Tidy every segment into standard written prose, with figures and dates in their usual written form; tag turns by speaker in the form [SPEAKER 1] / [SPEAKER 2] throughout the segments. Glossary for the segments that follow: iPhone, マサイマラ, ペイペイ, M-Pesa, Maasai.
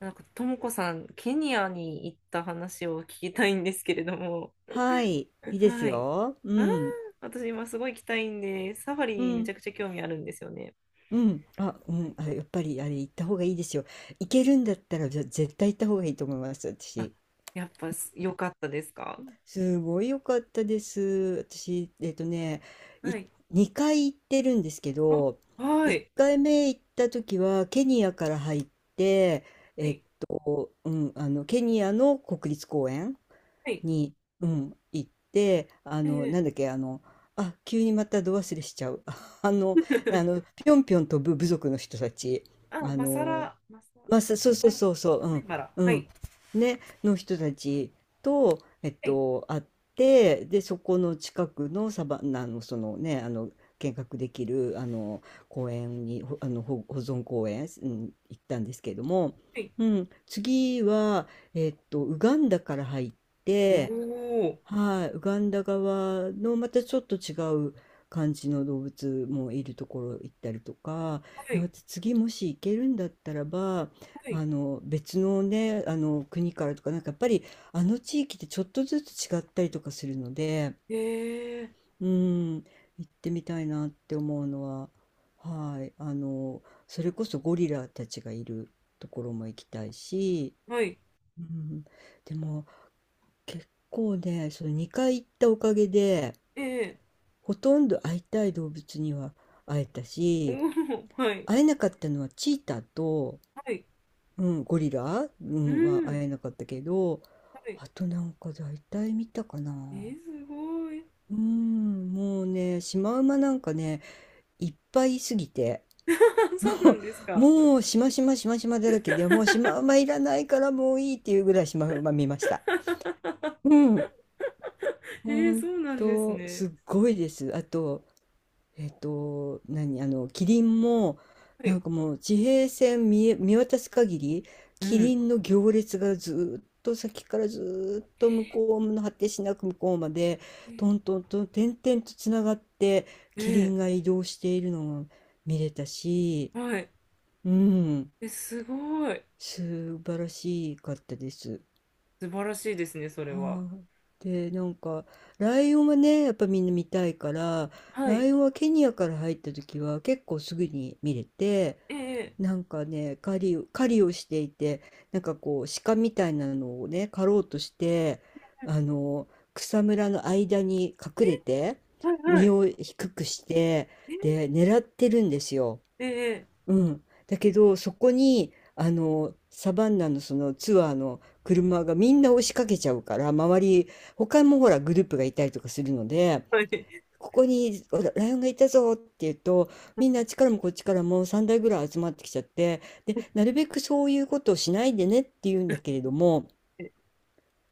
[SPEAKER 1] なんか、ともこさん、ケニアに行った話を聞きたいんですけれども、
[SPEAKER 2] はい、いいです
[SPEAKER 1] はい。
[SPEAKER 2] よ。う
[SPEAKER 1] ああ、
[SPEAKER 2] ん、
[SPEAKER 1] 私今すごい行きたいんで、サファ
[SPEAKER 2] う
[SPEAKER 1] リめち
[SPEAKER 2] ん、
[SPEAKER 1] ゃくちゃ興味あるんですよね。はい。
[SPEAKER 2] やっぱりあれ行った方がいいですよ。行けるんだったら絶対行った方がいいと思います、
[SPEAKER 1] あ、
[SPEAKER 2] 私。
[SPEAKER 1] やっぱす良かったですか？
[SPEAKER 2] すごい良かったです。私、
[SPEAKER 1] は
[SPEAKER 2] い、
[SPEAKER 1] い。
[SPEAKER 2] 2回行ってるんですけ
[SPEAKER 1] あ、
[SPEAKER 2] ど、
[SPEAKER 1] は
[SPEAKER 2] 1
[SPEAKER 1] い。
[SPEAKER 2] 回目行った時はケニアから入って、
[SPEAKER 1] は
[SPEAKER 2] えっ
[SPEAKER 1] い。
[SPEAKER 2] ケニアの国立公園
[SPEAKER 1] はい。
[SPEAKER 2] に、うん、行って、あ
[SPEAKER 1] え
[SPEAKER 2] の、な
[SPEAKER 1] え。
[SPEAKER 2] んだっけ、あの、あ、急にまたど忘れしちゃう。あの、ぴょんぴょん飛ぶ部族の人たち、
[SPEAKER 1] あ、
[SPEAKER 2] あ
[SPEAKER 1] マサ
[SPEAKER 2] の、
[SPEAKER 1] ラ、マサ、マ
[SPEAKER 2] そうそ
[SPEAKER 1] サ
[SPEAKER 2] う
[SPEAKER 1] イ、
[SPEAKER 2] そうそ
[SPEAKER 1] マサイ
[SPEAKER 2] う、
[SPEAKER 1] マラ。は
[SPEAKER 2] う
[SPEAKER 1] い。
[SPEAKER 2] ね、の人たちと、
[SPEAKER 1] はい。
[SPEAKER 2] 会って、で、そこの近くのサバンナの、見学できる、公園に、ほあの、ほ保存公園、行ったんですけれども、
[SPEAKER 1] はい。
[SPEAKER 2] うん、次は、ウガンダから入っ
[SPEAKER 1] お
[SPEAKER 2] て、
[SPEAKER 1] お、
[SPEAKER 2] はい、ウガンダ側のまたちょっと違う感じの動物もいるところ行ったりとか、
[SPEAKER 1] は
[SPEAKER 2] いや、
[SPEAKER 1] い。
[SPEAKER 2] 私次もし行けるんだったらば、
[SPEAKER 1] はい。
[SPEAKER 2] 別のね、あの国からとか、なんかやっぱりあの地域ってちょっとずつ違ったりとかするので、
[SPEAKER 1] ええ、
[SPEAKER 2] うん、行ってみたいなって思うのは、はい、あの、それこそゴリラたちがいるところも行きたいし、
[SPEAKER 1] はい。
[SPEAKER 2] うん、でも結構ね、その2回行ったおかげで、
[SPEAKER 1] ええ、
[SPEAKER 2] ほとんど会いたい動物には会えた
[SPEAKER 1] おお
[SPEAKER 2] し、
[SPEAKER 1] ー、はい。
[SPEAKER 2] 会えなかったのはチーターと、
[SPEAKER 1] はい。
[SPEAKER 2] うん、ゴリラ、う
[SPEAKER 1] う
[SPEAKER 2] ん、は会
[SPEAKER 1] ん。
[SPEAKER 2] えなかったけど、
[SPEAKER 1] はい。
[SPEAKER 2] あとなんか大体見たか
[SPEAKER 1] えー、
[SPEAKER 2] な。
[SPEAKER 1] すごい。
[SPEAKER 2] うん、もうね、シマウマなんかね、いっぱいいすぎて、
[SPEAKER 1] そうなんです か。
[SPEAKER 2] もうしましましましまだらけで、もうシマウマいらないからもういいっていうぐらいシマウマ見ました。うん、
[SPEAKER 1] え
[SPEAKER 2] ほ
[SPEAKER 1] ー、
[SPEAKER 2] ん
[SPEAKER 1] そうなんです
[SPEAKER 2] と、
[SPEAKER 1] ね。
[SPEAKER 2] すっごいです。あと、えっと、何、あの、キリンも、
[SPEAKER 1] は
[SPEAKER 2] な
[SPEAKER 1] い。
[SPEAKER 2] んかもう地平線見渡す限り、
[SPEAKER 1] う
[SPEAKER 2] キリ
[SPEAKER 1] ん。
[SPEAKER 2] ンの行列がずーっと先からずーっと向こうの果てしなく向こうまで、
[SPEAKER 1] え、
[SPEAKER 2] トントントン、点々とつながって、キリ
[SPEAKER 1] え
[SPEAKER 2] ンが移動しているのが見れたし、
[SPEAKER 1] ー、はい。
[SPEAKER 2] うん、
[SPEAKER 1] え、すごい。
[SPEAKER 2] 素晴らしかったです。
[SPEAKER 1] 素晴らしいですね、それは。
[SPEAKER 2] はい。で、なんか、ライオンはね、やっぱみんな見たいから、
[SPEAKER 1] は
[SPEAKER 2] ラ
[SPEAKER 1] い。
[SPEAKER 2] イオンはケニアから入った時は結構すぐに見れて、
[SPEAKER 1] えー、
[SPEAKER 2] なんかね、狩りをしていて、なんかこう、鹿みたいなのをね、狩ろうとして、
[SPEAKER 1] えー、は
[SPEAKER 2] あ
[SPEAKER 1] い、
[SPEAKER 2] の、草むらの間に
[SPEAKER 1] え、
[SPEAKER 2] 隠れて、
[SPEAKER 1] はい、は
[SPEAKER 2] 身
[SPEAKER 1] い。
[SPEAKER 2] を低くして、で、狙ってるんですよ。
[SPEAKER 1] えー、え
[SPEAKER 2] うん。だけど、そこに、あの、サバンナのそのツアーの車がみんな押しかけちゃうから、周り、他もほらグループがいたりとかするので、
[SPEAKER 1] ー、はい。
[SPEAKER 2] ここにほらライオンがいたぞって言うと、みんなあっちからもこっちからも3台ぐらい集まってきちゃって、で、なるべくそういうことをしないでねって言うんだけれども、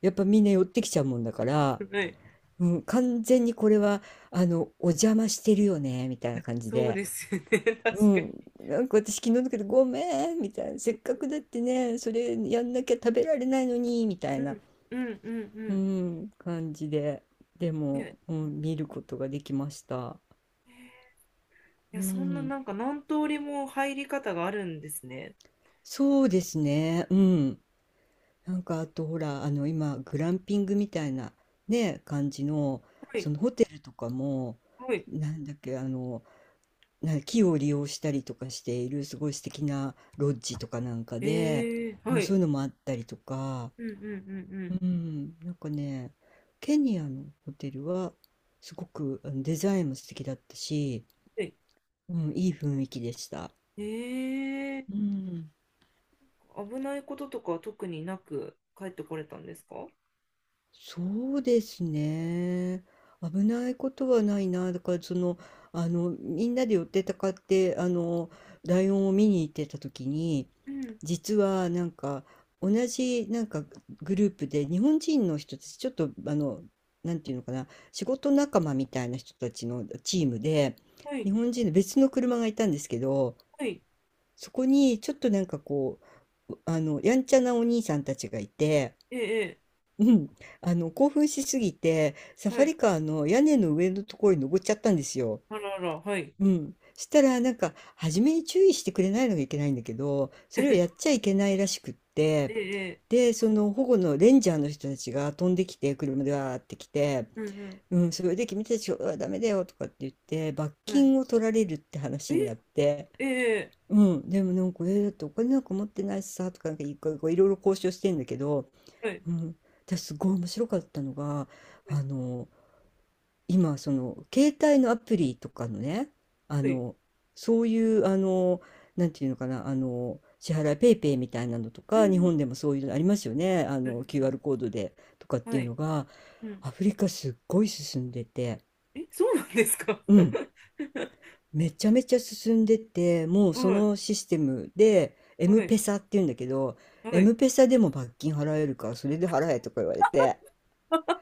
[SPEAKER 2] やっぱみんな寄ってきちゃうもんだから、
[SPEAKER 1] はい。
[SPEAKER 2] うん、完全にこれは、お邪魔してるよね、みたい
[SPEAKER 1] い
[SPEAKER 2] な
[SPEAKER 1] や、
[SPEAKER 2] 感じ
[SPEAKER 1] そう
[SPEAKER 2] で。
[SPEAKER 1] ですよね、
[SPEAKER 2] う
[SPEAKER 1] 確かに。
[SPEAKER 2] ん、なんか私昨日だけど「ごめん」みたいな「せっかくだってねそれやんなきゃ食べられないのに」みた
[SPEAKER 1] う
[SPEAKER 2] いな、
[SPEAKER 1] ん、うん、うん、う
[SPEAKER 2] う
[SPEAKER 1] ん。
[SPEAKER 2] ん、感じでで
[SPEAKER 1] いや、
[SPEAKER 2] も、う
[SPEAKER 1] う
[SPEAKER 2] ん、見
[SPEAKER 1] ん、
[SPEAKER 2] ることができました。
[SPEAKER 1] い
[SPEAKER 2] う
[SPEAKER 1] や、そんな、
[SPEAKER 2] ん、
[SPEAKER 1] なんか何通りも入り方があるんですね。
[SPEAKER 2] そうですね、うん、なんかあとほらあの今グランピングみたいなね感じの
[SPEAKER 1] は
[SPEAKER 2] そ
[SPEAKER 1] い、
[SPEAKER 2] のホテルとかも
[SPEAKER 1] はい。
[SPEAKER 2] なんだっけあのな木を利用したりとかしているすごい素敵なロッジとかなんか
[SPEAKER 1] え
[SPEAKER 2] で、
[SPEAKER 1] ー、
[SPEAKER 2] う
[SPEAKER 1] は
[SPEAKER 2] ん、そうい
[SPEAKER 1] い。
[SPEAKER 2] うのもあったりとか。
[SPEAKER 1] うんうんうんう
[SPEAKER 2] う
[SPEAKER 1] ん。
[SPEAKER 2] ん、なんかね、ケニアのホテルはすごくあのデザインも素敵だったし、うん、いい雰囲気でした。
[SPEAKER 1] え
[SPEAKER 2] う
[SPEAKER 1] え
[SPEAKER 2] ん。
[SPEAKER 1] ー、危ないこととかは特になく帰ってこれたんですか？
[SPEAKER 2] そうですね。危ないことはないな。だからその、あの、みんなで寄ってたかって、あの、ライオンを見に行ってた時に、
[SPEAKER 1] うん。
[SPEAKER 2] 実はなんか、同じなんかグループで日本人の人たち、ちょっとあの、なんていうのかな、仕事仲間みたいな人たちのチームで、
[SPEAKER 1] は
[SPEAKER 2] 日
[SPEAKER 1] い。
[SPEAKER 2] 本人の別の車がいたんですけど、
[SPEAKER 1] はい。
[SPEAKER 2] そこにちょっとなんかこう、あの、やんちゃなお兄さんたちがいて、
[SPEAKER 1] ええ、
[SPEAKER 2] うん、興奮しすぎて、サ
[SPEAKER 1] ええ、は
[SPEAKER 2] ファ
[SPEAKER 1] い。
[SPEAKER 2] リカーの屋根の上のところに登っちゃったんですよ。
[SPEAKER 1] あらあら、はい。
[SPEAKER 2] うん。したら、なんか、初めに注意してくれないのがいけないんだけど、それを
[SPEAKER 1] え
[SPEAKER 2] やっちゃいけないらしくって、
[SPEAKER 1] え、ええ、
[SPEAKER 2] で、その保護のレンジャーの人たちが飛んできて、車でわーって来て、
[SPEAKER 1] うん
[SPEAKER 2] うん、それで君たちはダメだよとかって言って、罰
[SPEAKER 1] うん。は
[SPEAKER 2] 金を
[SPEAKER 1] い。
[SPEAKER 2] 取られるって話になって、
[SPEAKER 1] ええ、え
[SPEAKER 2] うん、でもなんか、えーだってお金なんか持ってないしさとか、なんかいこういろいろ交渉してんだけど、
[SPEAKER 1] え、はい。
[SPEAKER 2] うん、私すごい面白かったのが
[SPEAKER 1] は
[SPEAKER 2] あ
[SPEAKER 1] い。
[SPEAKER 2] の今その携帯のアプリとかのねあ
[SPEAKER 1] はい。
[SPEAKER 2] のそういうあのなんていうのかなあの支払いペイペイみたいなのと
[SPEAKER 1] うん
[SPEAKER 2] か日
[SPEAKER 1] うん。
[SPEAKER 2] 本でもそういうのありますよねあ
[SPEAKER 1] ありがと
[SPEAKER 2] の
[SPEAKER 1] うござい
[SPEAKER 2] QR
[SPEAKER 1] ま
[SPEAKER 2] コードでとかっ
[SPEAKER 1] す。
[SPEAKER 2] て
[SPEAKER 1] は
[SPEAKER 2] いう
[SPEAKER 1] い。
[SPEAKER 2] のが
[SPEAKER 1] うん。
[SPEAKER 2] アフリカすっごい進んでて
[SPEAKER 1] え、そうなんですか？
[SPEAKER 2] うんめちゃめちゃ進んでてもうそ
[SPEAKER 1] はい。
[SPEAKER 2] のシステムでエ
[SPEAKER 1] は
[SPEAKER 2] ム
[SPEAKER 1] い。
[SPEAKER 2] ペサっていうんだけど
[SPEAKER 1] は
[SPEAKER 2] エム
[SPEAKER 1] い。
[SPEAKER 2] ペサでも罰金払えるからそれで払えとか言われて。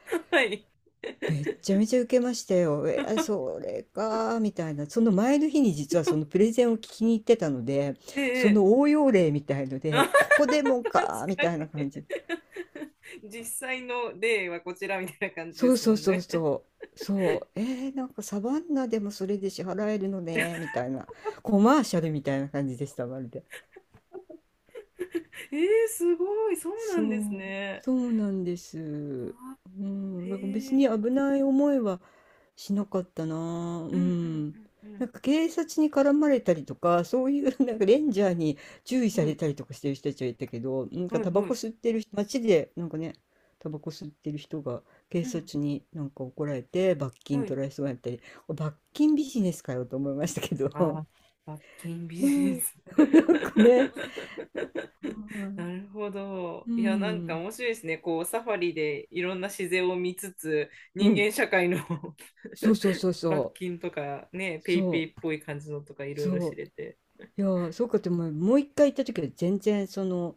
[SPEAKER 1] はい。
[SPEAKER 2] めっちゃめちゃ受けましたよ。えー、それか、みたいな。その前の日に実はそのプレゼンを聞きに行ってたので、
[SPEAKER 1] ええ、
[SPEAKER 2] そ
[SPEAKER 1] え
[SPEAKER 2] の
[SPEAKER 1] え、
[SPEAKER 2] 応用例みたいので、ここでもか、
[SPEAKER 1] 確
[SPEAKER 2] み
[SPEAKER 1] か
[SPEAKER 2] たいな
[SPEAKER 1] に。
[SPEAKER 2] 感じ。
[SPEAKER 1] 実際の例はこちらみたいな感じ
[SPEAKER 2] そ
[SPEAKER 1] で
[SPEAKER 2] う
[SPEAKER 1] す
[SPEAKER 2] そ
[SPEAKER 1] も
[SPEAKER 2] う
[SPEAKER 1] ん
[SPEAKER 2] そう
[SPEAKER 1] ね。
[SPEAKER 2] そう。そう。えー、なんかサバンナでもそれで支払えるのね、みたいな。コマーシャルみたいな感じでした、まるで。
[SPEAKER 1] えー、すごい、そうな
[SPEAKER 2] そ
[SPEAKER 1] んです
[SPEAKER 2] う、
[SPEAKER 1] ね。
[SPEAKER 2] そうなんで
[SPEAKER 1] う
[SPEAKER 2] す。
[SPEAKER 1] わ、
[SPEAKER 2] う
[SPEAKER 1] へ
[SPEAKER 2] ん、なんか別に
[SPEAKER 1] え。
[SPEAKER 2] 危ない思いはしなかったな。
[SPEAKER 1] う
[SPEAKER 2] う
[SPEAKER 1] んう
[SPEAKER 2] ん。
[SPEAKER 1] んう
[SPEAKER 2] なん
[SPEAKER 1] ん
[SPEAKER 2] か警察に絡まれたりとか、そういう なんかレンジャーに注意
[SPEAKER 1] う
[SPEAKER 2] され
[SPEAKER 1] ん。
[SPEAKER 2] たりとかしてる人たちはいたけど、なん
[SPEAKER 1] は
[SPEAKER 2] か
[SPEAKER 1] いはい
[SPEAKER 2] タバ
[SPEAKER 1] は
[SPEAKER 2] コ
[SPEAKER 1] い。
[SPEAKER 2] 吸ってる人、街でなんかね、タバコ吸ってる人が警
[SPEAKER 1] うん、
[SPEAKER 2] 察になんか怒られて罰
[SPEAKER 1] は
[SPEAKER 2] 金
[SPEAKER 1] い。
[SPEAKER 2] 取られそうになったり、罰金ビジネスかよと思いましたけ
[SPEAKER 1] あ
[SPEAKER 2] ど、
[SPEAKER 1] あ、罰金ビ
[SPEAKER 2] う
[SPEAKER 1] ジネ
[SPEAKER 2] ん、
[SPEAKER 1] ス。
[SPEAKER 2] なんかね、は
[SPEAKER 1] な
[SPEAKER 2] い
[SPEAKER 1] るほど。
[SPEAKER 2] う
[SPEAKER 1] いや、なんか
[SPEAKER 2] ん、
[SPEAKER 1] 面白いですね。こう、サファリでいろんな自然を見つつ、
[SPEAKER 2] う
[SPEAKER 1] 人
[SPEAKER 2] ん。
[SPEAKER 1] 間社会の、
[SPEAKER 2] そうそう そう
[SPEAKER 1] 罰
[SPEAKER 2] そう。
[SPEAKER 1] 金とか、ね、ペイペイ
[SPEAKER 2] そ
[SPEAKER 1] っ
[SPEAKER 2] う。
[SPEAKER 1] ぽい感じのとかいろいろ
[SPEAKER 2] そ
[SPEAKER 1] 知れて。
[SPEAKER 2] う。いやー、そうかっても、もう一回行った時は全然その、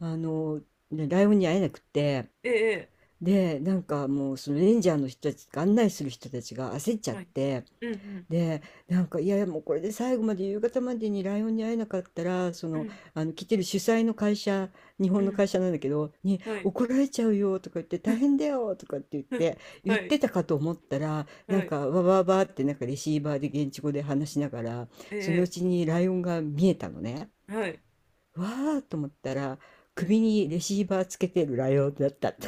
[SPEAKER 2] あの、ねライオンに会えなくて、
[SPEAKER 1] ええ、
[SPEAKER 2] で、なんかもうそのレンジャーの人たち、案内する人たちが焦っちゃ
[SPEAKER 1] ええ、
[SPEAKER 2] っ
[SPEAKER 1] はい。
[SPEAKER 2] て、
[SPEAKER 1] うん
[SPEAKER 2] で、なんか、いやいや、もうこれで最後まで夕方までにライオンに会えなかったら、そ
[SPEAKER 1] う
[SPEAKER 2] の、
[SPEAKER 1] ん、
[SPEAKER 2] 来てる主催の会社、日
[SPEAKER 1] う
[SPEAKER 2] 本
[SPEAKER 1] ん、
[SPEAKER 2] の会社なんだけど、に
[SPEAKER 1] うん、はい。
[SPEAKER 2] 怒られちゃうよとか言って、大変だよとかって言っ
[SPEAKER 1] うん、
[SPEAKER 2] て、言
[SPEAKER 1] は
[SPEAKER 2] っ
[SPEAKER 1] い、
[SPEAKER 2] てたかと思ったら、な
[SPEAKER 1] は
[SPEAKER 2] ん
[SPEAKER 1] い、
[SPEAKER 2] か、わわわってなんかレシーバーで現地語で話しながら、
[SPEAKER 1] え
[SPEAKER 2] そのう
[SPEAKER 1] え、
[SPEAKER 2] ちにライオンが見えたのね。
[SPEAKER 1] はい、
[SPEAKER 2] わーと思ったら、
[SPEAKER 1] はい。
[SPEAKER 2] 首にレシーバーつけてるライオンだった。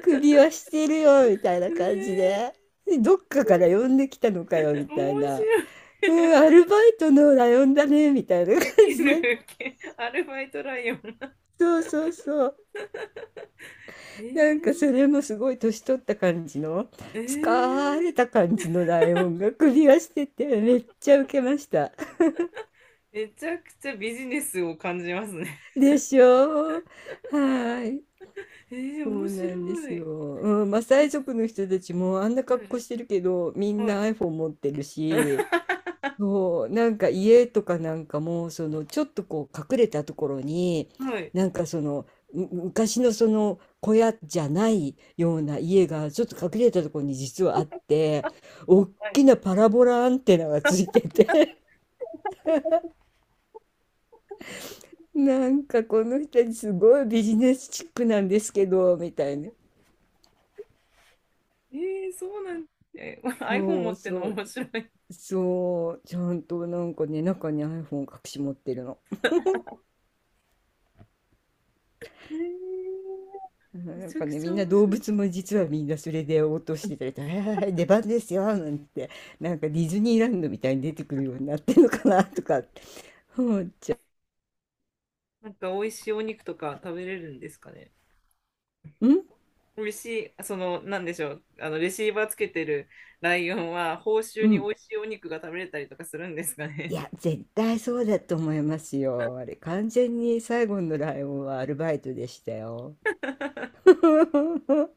[SPEAKER 2] 首はしてるよみたいな感じで。でどっかから呼んできたの
[SPEAKER 1] 面白い。
[SPEAKER 2] かよみたい
[SPEAKER 1] 面
[SPEAKER 2] な。
[SPEAKER 1] 白い。
[SPEAKER 2] うん、アルバイトのライオンだね、みたいな
[SPEAKER 1] ウ
[SPEAKER 2] 感
[SPEAKER 1] ケ
[SPEAKER 2] じ
[SPEAKER 1] る、ウ
[SPEAKER 2] で。
[SPEAKER 1] ケる。アルバイトライオン。
[SPEAKER 2] そうそうそう。
[SPEAKER 1] えー、
[SPEAKER 2] なんかそれもすごい年取った感じの、
[SPEAKER 1] えー、
[SPEAKER 2] 疲れた感じのライオンが首輪してて、めっちゃウケました。
[SPEAKER 1] めちゃくちゃビジネスを感じますね。
[SPEAKER 2] でしょうはい。
[SPEAKER 1] えー、
[SPEAKER 2] そ
[SPEAKER 1] 面
[SPEAKER 2] うなんで
[SPEAKER 1] 白
[SPEAKER 2] すよ。
[SPEAKER 1] い。
[SPEAKER 2] うん、マサイ族の人たちもあんな
[SPEAKER 1] う
[SPEAKER 2] 格好
[SPEAKER 1] ん、
[SPEAKER 2] してるけど、みん
[SPEAKER 1] は
[SPEAKER 2] な
[SPEAKER 1] い。
[SPEAKER 2] iPhone 持ってるし、そう、なんか家とかなんかも、そのちょっとこう隠れたところに、
[SPEAKER 1] はい。
[SPEAKER 2] なんかその、昔のその小屋じゃないような家がちょっと隠れたところに実はあって、
[SPEAKER 1] は
[SPEAKER 2] 大き
[SPEAKER 1] い。
[SPEAKER 2] なパラボラアンテナがついてて、なんかこの人たちすごいビジネスチックなんですけど、みたいな。
[SPEAKER 1] えー、そうなんです、えー、iPhone
[SPEAKER 2] そ
[SPEAKER 1] 持
[SPEAKER 2] う
[SPEAKER 1] ってんの
[SPEAKER 2] そう、
[SPEAKER 1] 面白い。え
[SPEAKER 2] そう、ちゃんとなんかね、中に iPhone 隠し持ってるの。
[SPEAKER 1] ー、め
[SPEAKER 2] なん
[SPEAKER 1] ちゃ
[SPEAKER 2] か
[SPEAKER 1] く
[SPEAKER 2] ね、
[SPEAKER 1] ち
[SPEAKER 2] み
[SPEAKER 1] ゃ
[SPEAKER 2] んな
[SPEAKER 1] 面
[SPEAKER 2] 動
[SPEAKER 1] 白い。
[SPEAKER 2] 物も実はみんなそれで応答してたりとか、はいはいはい出番ですよ、なんて、なんかディズニーランドみたいに出てくるようになってるのかなとかって思っちゃ
[SPEAKER 1] なんか美味しいお肉とか食べれるんですかね？
[SPEAKER 2] う。うん
[SPEAKER 1] 美味しい、その、なんでしょう、あのレシーバーつけてるライオンは、報酬
[SPEAKER 2] う
[SPEAKER 1] に
[SPEAKER 2] ん。
[SPEAKER 1] 美味しいお肉が食べれたりとかするんですか
[SPEAKER 2] い
[SPEAKER 1] ね？
[SPEAKER 2] や、絶対そうだと思いますよ。あれ、完全に最後のライオンはアルバイトでしたよ。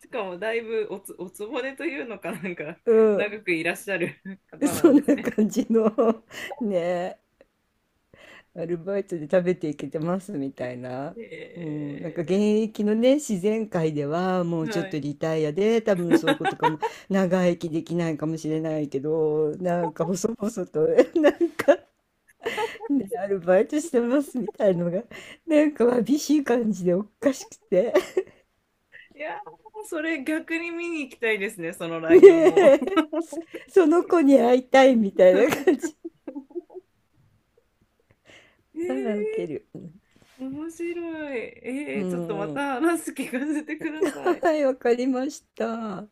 [SPEAKER 1] しかもだいぶおつおつぼねというのかなんか
[SPEAKER 2] うん、
[SPEAKER 1] 長くいらっしゃる方な
[SPEAKER 2] そ
[SPEAKER 1] んで
[SPEAKER 2] ん
[SPEAKER 1] す
[SPEAKER 2] な
[SPEAKER 1] ね。
[SPEAKER 2] 感じのね。アルバイトで食べていけてますみたいな。うん、なんか現
[SPEAKER 1] え
[SPEAKER 2] 役のね自然界ではもう
[SPEAKER 1] ー、
[SPEAKER 2] ちょっ
[SPEAKER 1] は
[SPEAKER 2] と
[SPEAKER 1] い。
[SPEAKER 2] リタイアで多分そういうことかも長生きできないかもしれないけどなんか細々と なんか、ね、アルバイトしてますみたいのがなんかわびしい感じでおかしくて
[SPEAKER 1] いやー、それ逆に見に行きたいですね、その ライオ
[SPEAKER 2] ね
[SPEAKER 1] ンを。
[SPEAKER 2] えその子に会いたいみたいな感じ
[SPEAKER 1] え
[SPEAKER 2] ああウケる
[SPEAKER 1] ー、面白い。
[SPEAKER 2] う
[SPEAKER 1] えー、ちょっとま
[SPEAKER 2] ん
[SPEAKER 1] た話す聞かせてください。
[SPEAKER 2] はいわかりました。